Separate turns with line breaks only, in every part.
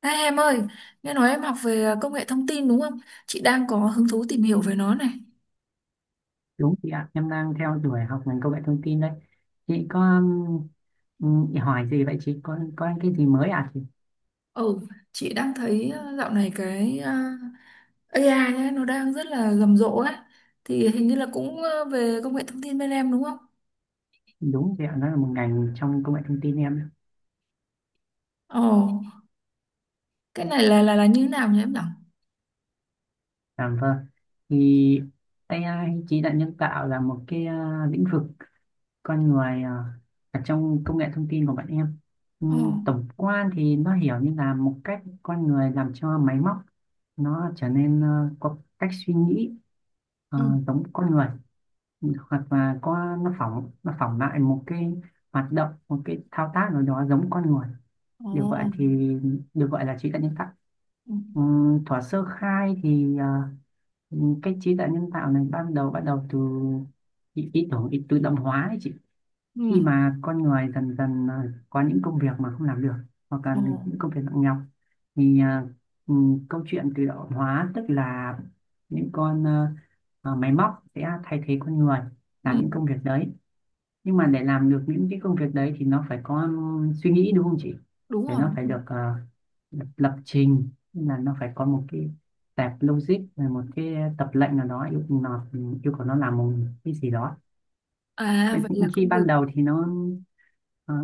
Ê, em ơi, nghe nói em học về công nghệ thông tin đúng không? Chị đang có hứng thú tìm hiểu về nó này.
Đúng chị ạ, em đang theo đuổi học ngành công nghệ thông tin đấy. Chị có chị hỏi gì vậy chị? Có cái gì mới à chị?
Ừ, chị đang thấy dạo này cái AI ấy, nó đang rất là rầm rộ ấy. Thì hình như là cũng về công nghệ thông tin bên em đúng không?
Đúng chị ạ, nó là một ngành trong công nghệ thông tin em đấy.
Ồ, cái này là như thế nào nhỉ em nhỉ?
À vâng. Thì AI trí tuệ nhân tạo là một cái lĩnh vực con người ở trong công nghệ thông tin của bọn em.
Ồ,
Tổng quan thì nó hiểu như là một cách con người làm cho máy móc nó trở nên có cách suy nghĩ ờ,
ừ.
giống con người, hoặc là có nó phỏng lại một cái hoạt động, một cái thao tác nào đó giống con người, được gọi
Ồ,
thì được gọi là trí tuệ nhân tạo.
ừ,
Thuở sơ khai thì cái trí tuệ nhân tạo này ban đầu bắt đầu từ ý tưởng ý tự động hóa ấy chị,
ừ,
khi mà con người dần dần có những công việc mà không làm được, hoặc là
ồ,
những công việc nặng nhọc, thì ừ, câu chuyện tự động hóa tức là những máy móc sẽ thay thế con người
ừ,
làm những công việc đấy. Nhưng mà để làm được những cái công việc đấy thì nó phải có suy nghĩ đúng không chị,
đúng
để
rồi,
nó
đúng
phải
rồi.
được lập trình. Tức là nó phải có một cái tệp logic, rồi một cái tập lệnh nào đó yêu nó, yêu cầu nó làm một cái gì đó.
À,
Vậy
vậy
thì
là
khi
công
ban
việc.
đầu thì nó ờ,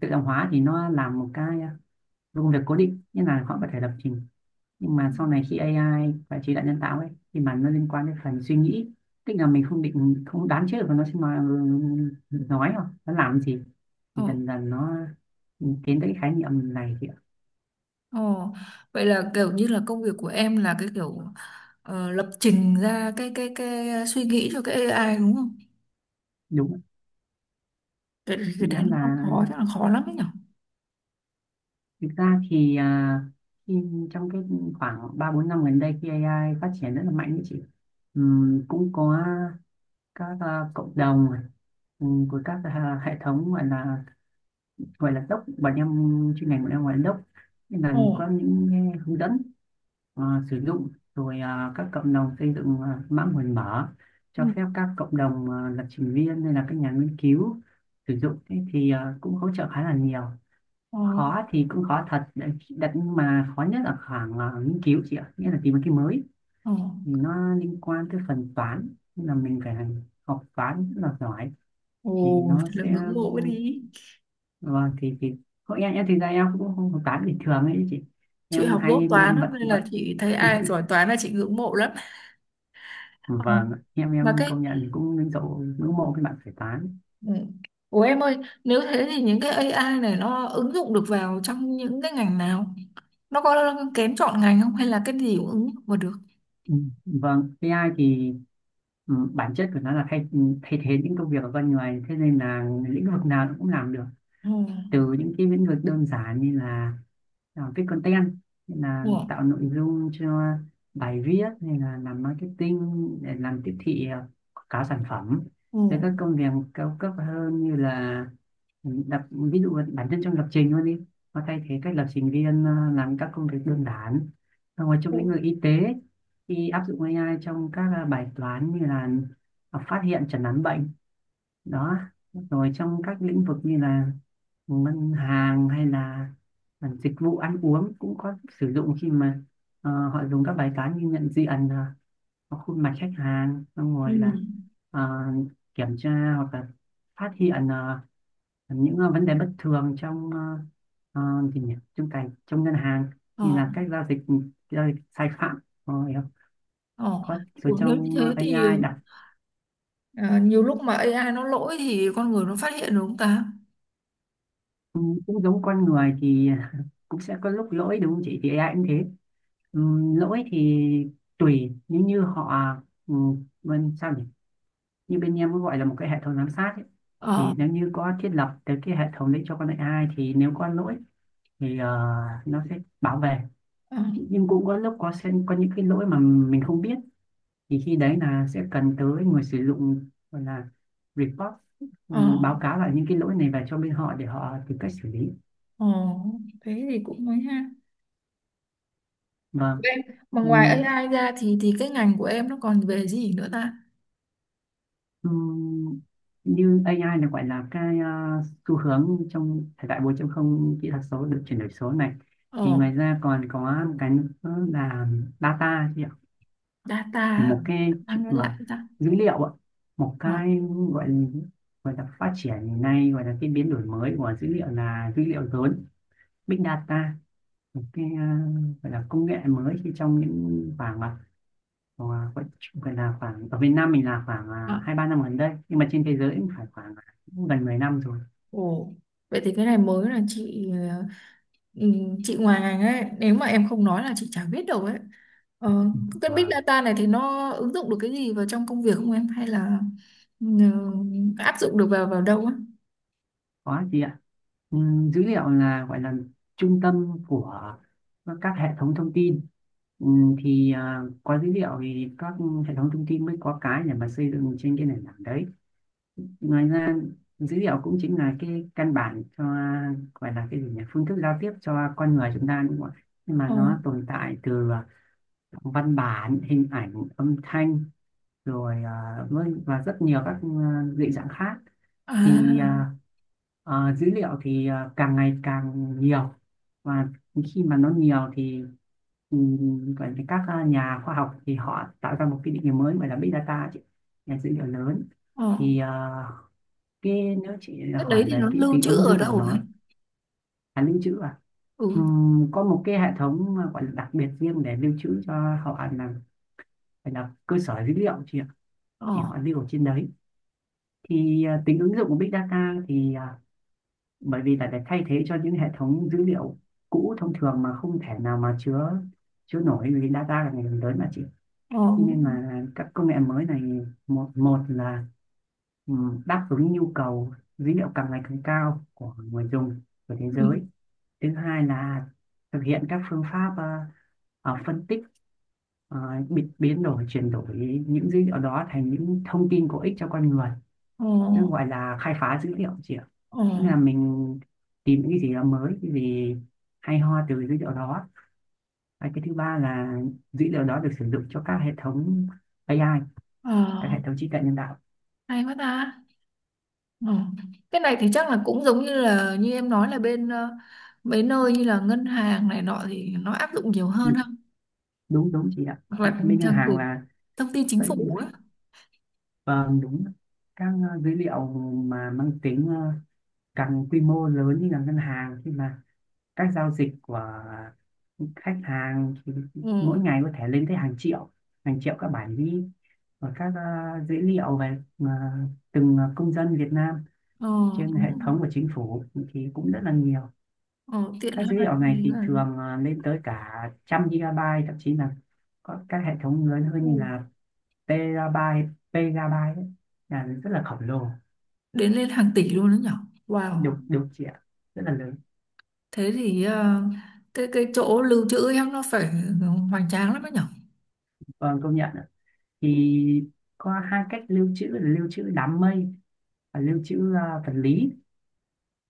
tự động hóa thì nó làm một cái công việc cố định như là họ có thể lập trình, nhưng mà sau này khi AI và trí tuệ nhân tạo ấy thì mà nó liên quan đến phần suy nghĩ, tức là mình không đoán trước và nó sẽ nói không nó làm gì, thì
Ồ,
dần dần nó tiến tới cái khái niệm này thì
ồ, vậy là kiểu như là công việc của em là cái kiểu lập trình ra cái suy nghĩ cho cái AI đúng không?
đúng,
Cái
nghĩa
đấy nó
là
không khó chắc là khó lắm đấy nhở?
thực ra thì trong cái khoảng 3 4 năm gần đây khi AI phát triển rất là mạnh ấy chị. Cũng có các cộng đồng, của các hệ thống gọi là, gọi là doc bọn em, chuyên ngành bọn em gọi là doc, nên là có
Ồ,
những cái hướng dẫn à, sử dụng, rồi các cộng đồng xây dựng mã nguồn mở
ừ,
cho phép các cộng đồng lập trình viên hay là các nhà nghiên cứu sử dụng. Thế thì cũng hỗ trợ khá là nhiều.
ồ,
Khó thì cũng khó thật đấy, đặt nhưng mà khó nhất là khoảng nghiên cứu chị ạ, nghĩa là tìm một cái mới
ồ,
thì nó liên quan tới phần toán, nên là mình phải học toán rất là giỏi thì
ồ,
nó
thật là
sẽ,
ngưỡng mộ cái đi.
vâng thì hội em thực ra em cũng không hợp tán bình thường ấy chị,
Chị
em
học dốt
hai
toán
bên vận
lắm nên là
vận
chị thấy ai giỏi toán là chị ngưỡng mộ lắm. Ờ,
Vâng em
mà
em
cái,
công nhận, cũng ngưỡng mộ cái bạn phải tán.
ừ. Ủa em ơi, nếu thế thì những cái AI này nó ứng dụng được vào trong những cái ngành nào? Nó có kén chọn ngành không hay là cái gì cũng ứng dụng vào được?
Ừ. Vâng AI thì, bản chất của nó là thay thay thế những công việc ở bên ngoài, thế nên là lĩnh vực nào nó cũng làm được,
Ừ.
từ những cái lĩnh vực đơn giản như là viết content, như là
Ừ.
tạo nội dung cho bài viết, hay là làm marketing để làm tiếp thị, quảng cáo sản phẩm,
Ừ.
tới các công việc cao cấp hơn như là lập, ví dụ bản thân trong lập trình luôn đi, nó thay thế các lập trình viên làm các công việc đơn giản, ngoài trong lĩnh vực y tế thì áp dụng AI trong các bài toán như là phát hiện chẩn đoán bệnh đó, rồi trong các lĩnh vực như là ngân hàng, hay là dịch vụ ăn uống cũng có sử dụng, khi mà họ dùng các bài toán như nhận diện khuôn mặt khách hàng, xong
Ừ.
rồi là ờ, kiểm tra hoặc là phát hiện vấn đề bất thường trong gì nhỉ, trong trong ngân hàng
Ừ.
như là các giao dịch sai phạm, rồi
Ờ,
có,
ừ,
rồi
nếu như
trong
thế thì
a i đặt.
ờ, nhiều lúc mà AI nó lỗi thì con người nó phát hiện được không ta?
Ừ, cũng giống con người thì cũng sẽ có lúc lỗi đúng không chị, thì ai cũng thế. Lỗi thì tùy, nếu như họ, ừ, bên sao nhỉ, như bên em có gọi là một cái hệ thống giám sát ấy.
Ờ,
Thì nếu như có thiết lập tới cái hệ thống đấy cho con AI thì nếu có lỗi thì nó sẽ bảo vệ.
ờ,
Nhưng cũng có lúc sẽ có những cái lỗi mà mình không biết, thì khi đấy là sẽ cần tới người sử dụng gọi là report,
ờ,
báo cáo lại những cái lỗi này về cho bên họ để họ tìm cách xử lý.
ờ, thế thì cũng mới ha.
Và
Em, mà
ừ,
ngoài AI ra thì cái ngành của em nó còn về gì nữa ta?
ừ, như AI là gọi là cái xu hướng trong thời đại 4 không kỹ thuật số được chuyển đổi số này, thì
Ờ,
ngoài ra còn có một cái nữa là data chị ạ,
data,
một cái
data
chuyện
nghe
mà
lại ta.
dữ liệu ạ, một
Ờ,
cái gọi là, gọi là phát triển ngày nay, gọi là cái biến đổi mới của dữ liệu là dữ liệu lớn, big data, một cái gọi là công nghệ mới khi trong những khoảng, ờ, vẫn chung gần là khoảng ở Việt Nam mình là khoảng
ờ,
2 3 năm gần đây, nhưng mà trên thế giới cũng phải khoảng cũng gần 10 năm rồi.
ồ, vậy thì cái này mới là chị ừ, chị ngoài ngành ấy nếu mà em không nói là chị chả biết đâu ấy, ờ, cái big
Vâng,
data này thì nó ứng dụng được cái gì vào trong công việc không em hay là ừ, áp dụng được vào vào đâu á?
có chị ạ. Dữ liệu là gọi là trung tâm của các hệ thống thông tin. Thì có dữ liệu thì các hệ thống thông tin mới có cái để mà xây dựng trên cái nền tảng đấy. Ngoài ra dữ liệu cũng chính là cái căn bản cho gọi là cái gì nhỉ, phương thức giao tiếp cho con người chúng ta đúng không ạ, nhưng mà
ờ,
nó tồn tại từ văn bản, hình ảnh, âm thanh, rồi và rất nhiều các dị dạng khác. Thì
à
dữ liệu thì càng ngày càng nhiều, và khi mà nó nhiều thì, gọi là các nhà khoa học thì họ tạo ra một cái định nghĩa mới gọi là big data chị, nhà dữ liệu lớn.
ờ.
Thì cái nếu chị
Cái đấy
hỏi
thì
về
nó
cái
lưu
tính
trữ
ứng
ở
dụng của
đâu
nó,
ấy?
là lưu trữ à.
Ừ.
Có một cái hệ thống mà gọi là đặc biệt riêng để lưu trữ cho họ, là phải là cơ sở dữ liệu chị ạ. Thì
Ờ.
họ lưu ở trên đấy. Thì tính ứng dụng của Big Data thì bởi vì là để thay thế cho những hệ thống dữ liệu cũ thông thường mà không thể nào mà chứa chứa nổi, vì data là ngày càng lớn mà chị.
Ờ.
Thế nên là các công nghệ mới này, một một là ừ, đáp ứng nhu cầu dữ liệu càng ngày càng cao của người dùng, của thế
Ừ.
giới. Thứ hai là thực hiện các phương pháp phân tích, ờ, biến đổi chuyển đổi những dữ liệu đó thành những thông tin có ích cho con người,
Ờ.
nó gọi là khai phá dữ liệu chị ạ.
Ờ.
Nghĩa là mình tìm những cái gì đó mới, cái gì hay ho từ dữ liệu đó. Và cái thứ ba là dữ liệu đó được sử dụng cho các hệ thống AI,
Ờ.
các hệ thống trí tuệ nhân tạo.
Hay quá ta. Ờ. Cái này thì chắc là cũng giống như là như em nói là bên mấy nơi như là ngân hàng này nọ thì nó áp dụng nhiều hơn ha,
Đúng, đúng chị ạ.
hoặc là
Bên ngân
trang
hàng
gửi
là,
thông tin chính
đấy,
phủ á.
vâng đúng, các dữ liệu mà mang tính càng quy mô lớn như là ngân hàng, khi mà các giao dịch của khách hàng thì mỗi
Ừ.
ngày có thể lên tới hàng triệu, hàng triệu các bản ghi. Và các dữ liệu về từng công dân Việt Nam
Ờ,
trên
đúng
hệ
rồi.
thống của chính phủ thì cũng rất là nhiều.
Ờ, tiện
Các
ha.
dữ liệu
Đấy
này thì
là
thường lên tới cả trăm gigabyte, thậm chí là có các hệ thống lớn hơn như
ừ.
là terabyte, petabyte đấy, là rất là khổng lồ.
Đến lên hàng tỷ luôn đó nhở. Wow.
Đúng, đúng chị, rất là lớn.
Thế thì cái chỗ lưu trữ em nó phải hoành tráng lắm đó nhở.
Vâng công nhận ạ. Thì có hai cách lưu trữ là lưu trữ đám mây và lưu trữ vật lý.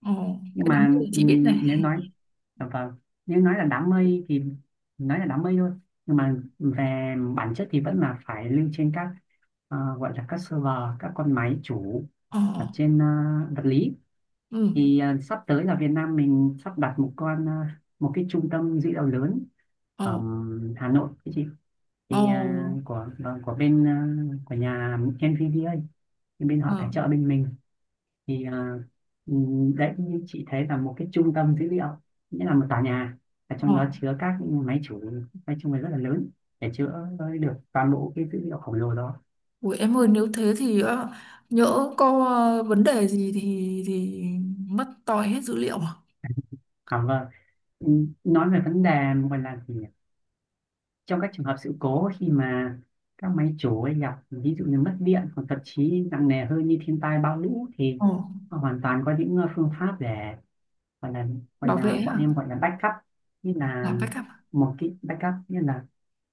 Ờ,
Nhưng
cái đám
mà
cưới chị biết này.
nếu nói vâng, nếu nói là đám mây thì nói là đám mây thôi, nhưng mà về bản chất thì vẫn là phải lưu trên các gọi là các server, các con máy chủ
Ờ,
ở trên vật lý.
ừ,
Thì sắp tới là Việt Nam mình sắp đặt một con một cái trung tâm dữ liệu lớn ở
ờ,
Hà Nội cái chị.
ờ,
Thì của vâng, của bên của nhà NVDA, thì bên họ tài
ờ,
trợ bên mình. Thì ừ, đấy, như chị thấy là một cái trung tâm dữ liệu, nghĩa là một tòa nhà và trong
ờ.
đó chứa các máy chủ, nói chung là rất là lớn để chữa được toàn bộ cái dữ liệu khổng lồ đó.
Ủa em ơi, nếu thế thì nhỡ có vấn đề gì thì mất toi hết dữ liệu à?
À, vâng. Ừ, nói về vấn đề gọi là gì? Trong các trường hợp sự cố khi mà các máy chủ ấy gặp ví dụ như mất điện hoặc thậm chí nặng nề hơn như thiên tai bão lũ, thì
Ờ,
họ hoàn toàn có những phương pháp để gọi là gọi
bảo vệ
là bọn
à?
em gọi là backup. Như là
Làm backup à?
một cái backup, như là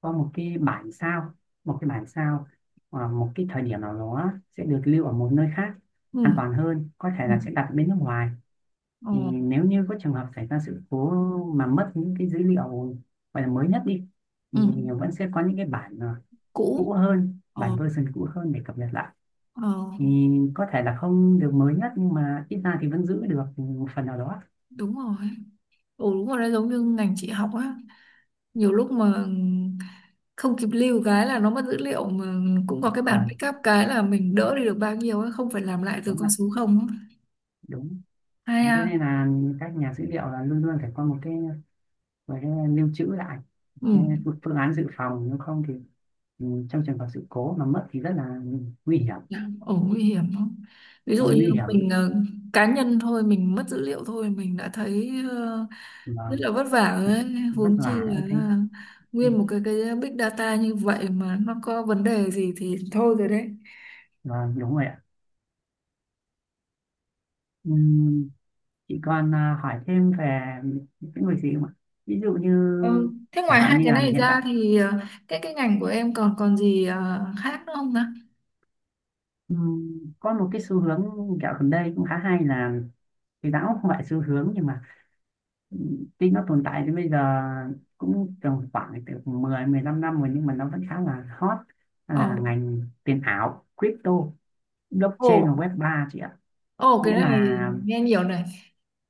có một cái bản sao, một cái bản sao ở một cái thời điểm nào đó sẽ được lưu ở một nơi khác
Ừ.
an toàn hơn, có thể
Ừ.
là sẽ đặt bên nước ngoài.
Ờ.
Thì nếu như có trường hợp xảy ra sự cố mà mất những cái dữ liệu gọi là mới nhất đi,
Ừ.
thì vẫn sẽ có những cái bản
Cũ.
cũ hơn, bản
Ờ.
version cũ hơn để cập nhật lại.
Ờ.
Thì có thể là không được mới nhất nhưng mà ít ra thì vẫn giữ được một phần nào đó.
Đúng rồi. Ừ, đúng rồi, nó giống như ngành chị học á, nhiều lúc mà không kịp lưu cái là nó mất dữ liệu mà, cũng có cái bản
À,
backup cái là mình đỡ đi được bao nhiêu ấy, không phải làm lại từ
đúng
con
ạ,
số không á.
đúng.
Hay
Thế
à.
nên là các nhà dữ liệu là luôn luôn phải có một cái lưu trữ lại, cái
Ừ.
phương phương án dự phòng, nếu không thì trong trường hợp sự cố mà mất thì rất là nguy hiểm,
Ồ, nguy hiểm không, ví dụ
và
như
nguy
mình
hiểm
cá nhân thôi mình mất dữ liệu thôi mình đã thấy rất
và
là vất vả rồi đấy,
vất
huống chi
vả nữa
là
thế.
là nguyên một cái big data như vậy mà nó có vấn đề gì thì thôi rồi đấy.
Vâng, đúng rồi ạ. Ừm, chị còn hỏi thêm về những người gì không ạ? Ví dụ như
Ừ. Thế
chẳng
ngoài
hạn
hai
như
cái
là
này
hiện
ra
tại
thì cái ngành của em còn còn gì khác nữa không ta?
có một cái xu hướng dạo gần đây cũng khá hay, là thì đã không phải xu hướng nhưng mà tuy nó tồn tại đến bây giờ cũng tầm khoảng từ 10 15 năm rồi nhưng mà nó vẫn khá là hot. Đó
Ồ,
là ngành tiền ảo, crypto,
ồ,
blockchain và web ba chị ạ.
ồ, cái
Nghĩa
này
là
nghe nhiều này.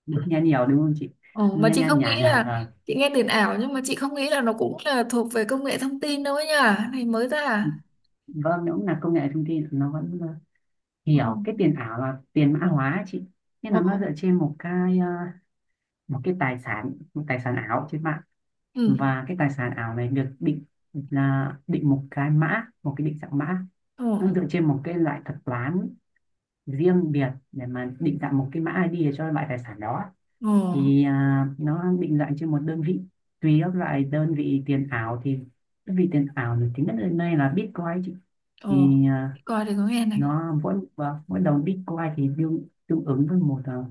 được nghe nhiều đúng không chị?
Ồ, mà
Nha
chị
nha
không nghĩ
nhả nhả.
là
Ờ.
chị nghe tiền ảo nhưng mà chị không nghĩ là nó cũng là thuộc về công nghệ thông tin đâu ấy nhỉ? Cái này mới ra à?
Vâng, đúng là công nghệ thông tin, nó vẫn
Ồ,
hiểu cái tiền ảo là tiền mã hóa ấy chị, nghĩa
ồ,
là nó dựa trên một cái một cái tài sản, một tài sản ảo trên mạng,
ừ,
và cái tài sản ảo này được định là định một cái mã, một cái định dạng mã.
ồ,
Nó dựa trên một cái loại thuật toán riêng biệt để mà định dạng một cái mã ID cho loại tài sản đó.
ồ,
Thì nó định dạng trên một đơn vị, tùy các loại đơn vị tiền ảo, thì đơn vị tiền ảo nổi tiếng nhất hiện nay là Bitcoin chị.
ồ,
Thì
coi thì có nghe này.
nó mỗi và mỗi đồng Bitcoin thì tương tương ứng với một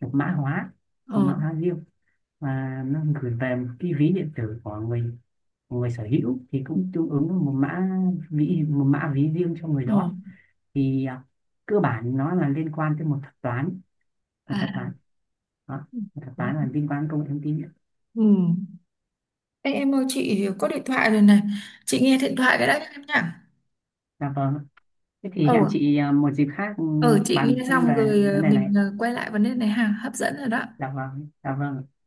một mã hóa, một
Ồ,
mã hóa riêng, và nó gửi về một cái ví điện tử của người, của người sở hữu thì cũng tương ứng với một mã ví, một mã ví riêng cho người
ồ,
đó. Thì cơ bản nó là liên quan tới một thuật toán, một
à.
thuật toán đó, một thuật toán là liên quan đến công nghệ thông tin.
Ừ. Ê, em ơi, chị có điện thoại rồi này. Chị nghe điện thoại cái đã em nhá.
Dạ vâng, thế thì
Ồ,
hẹn chị một dịp khác ừ,
ờ, chị
bàn
nghe
thêm
xong
về
rồi,
vấn đề này.
mình quay lại vấn đề này ha, hấp dẫn rồi đó.
Dạ vâng, dạ vâng.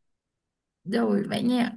Rồi vậy nha.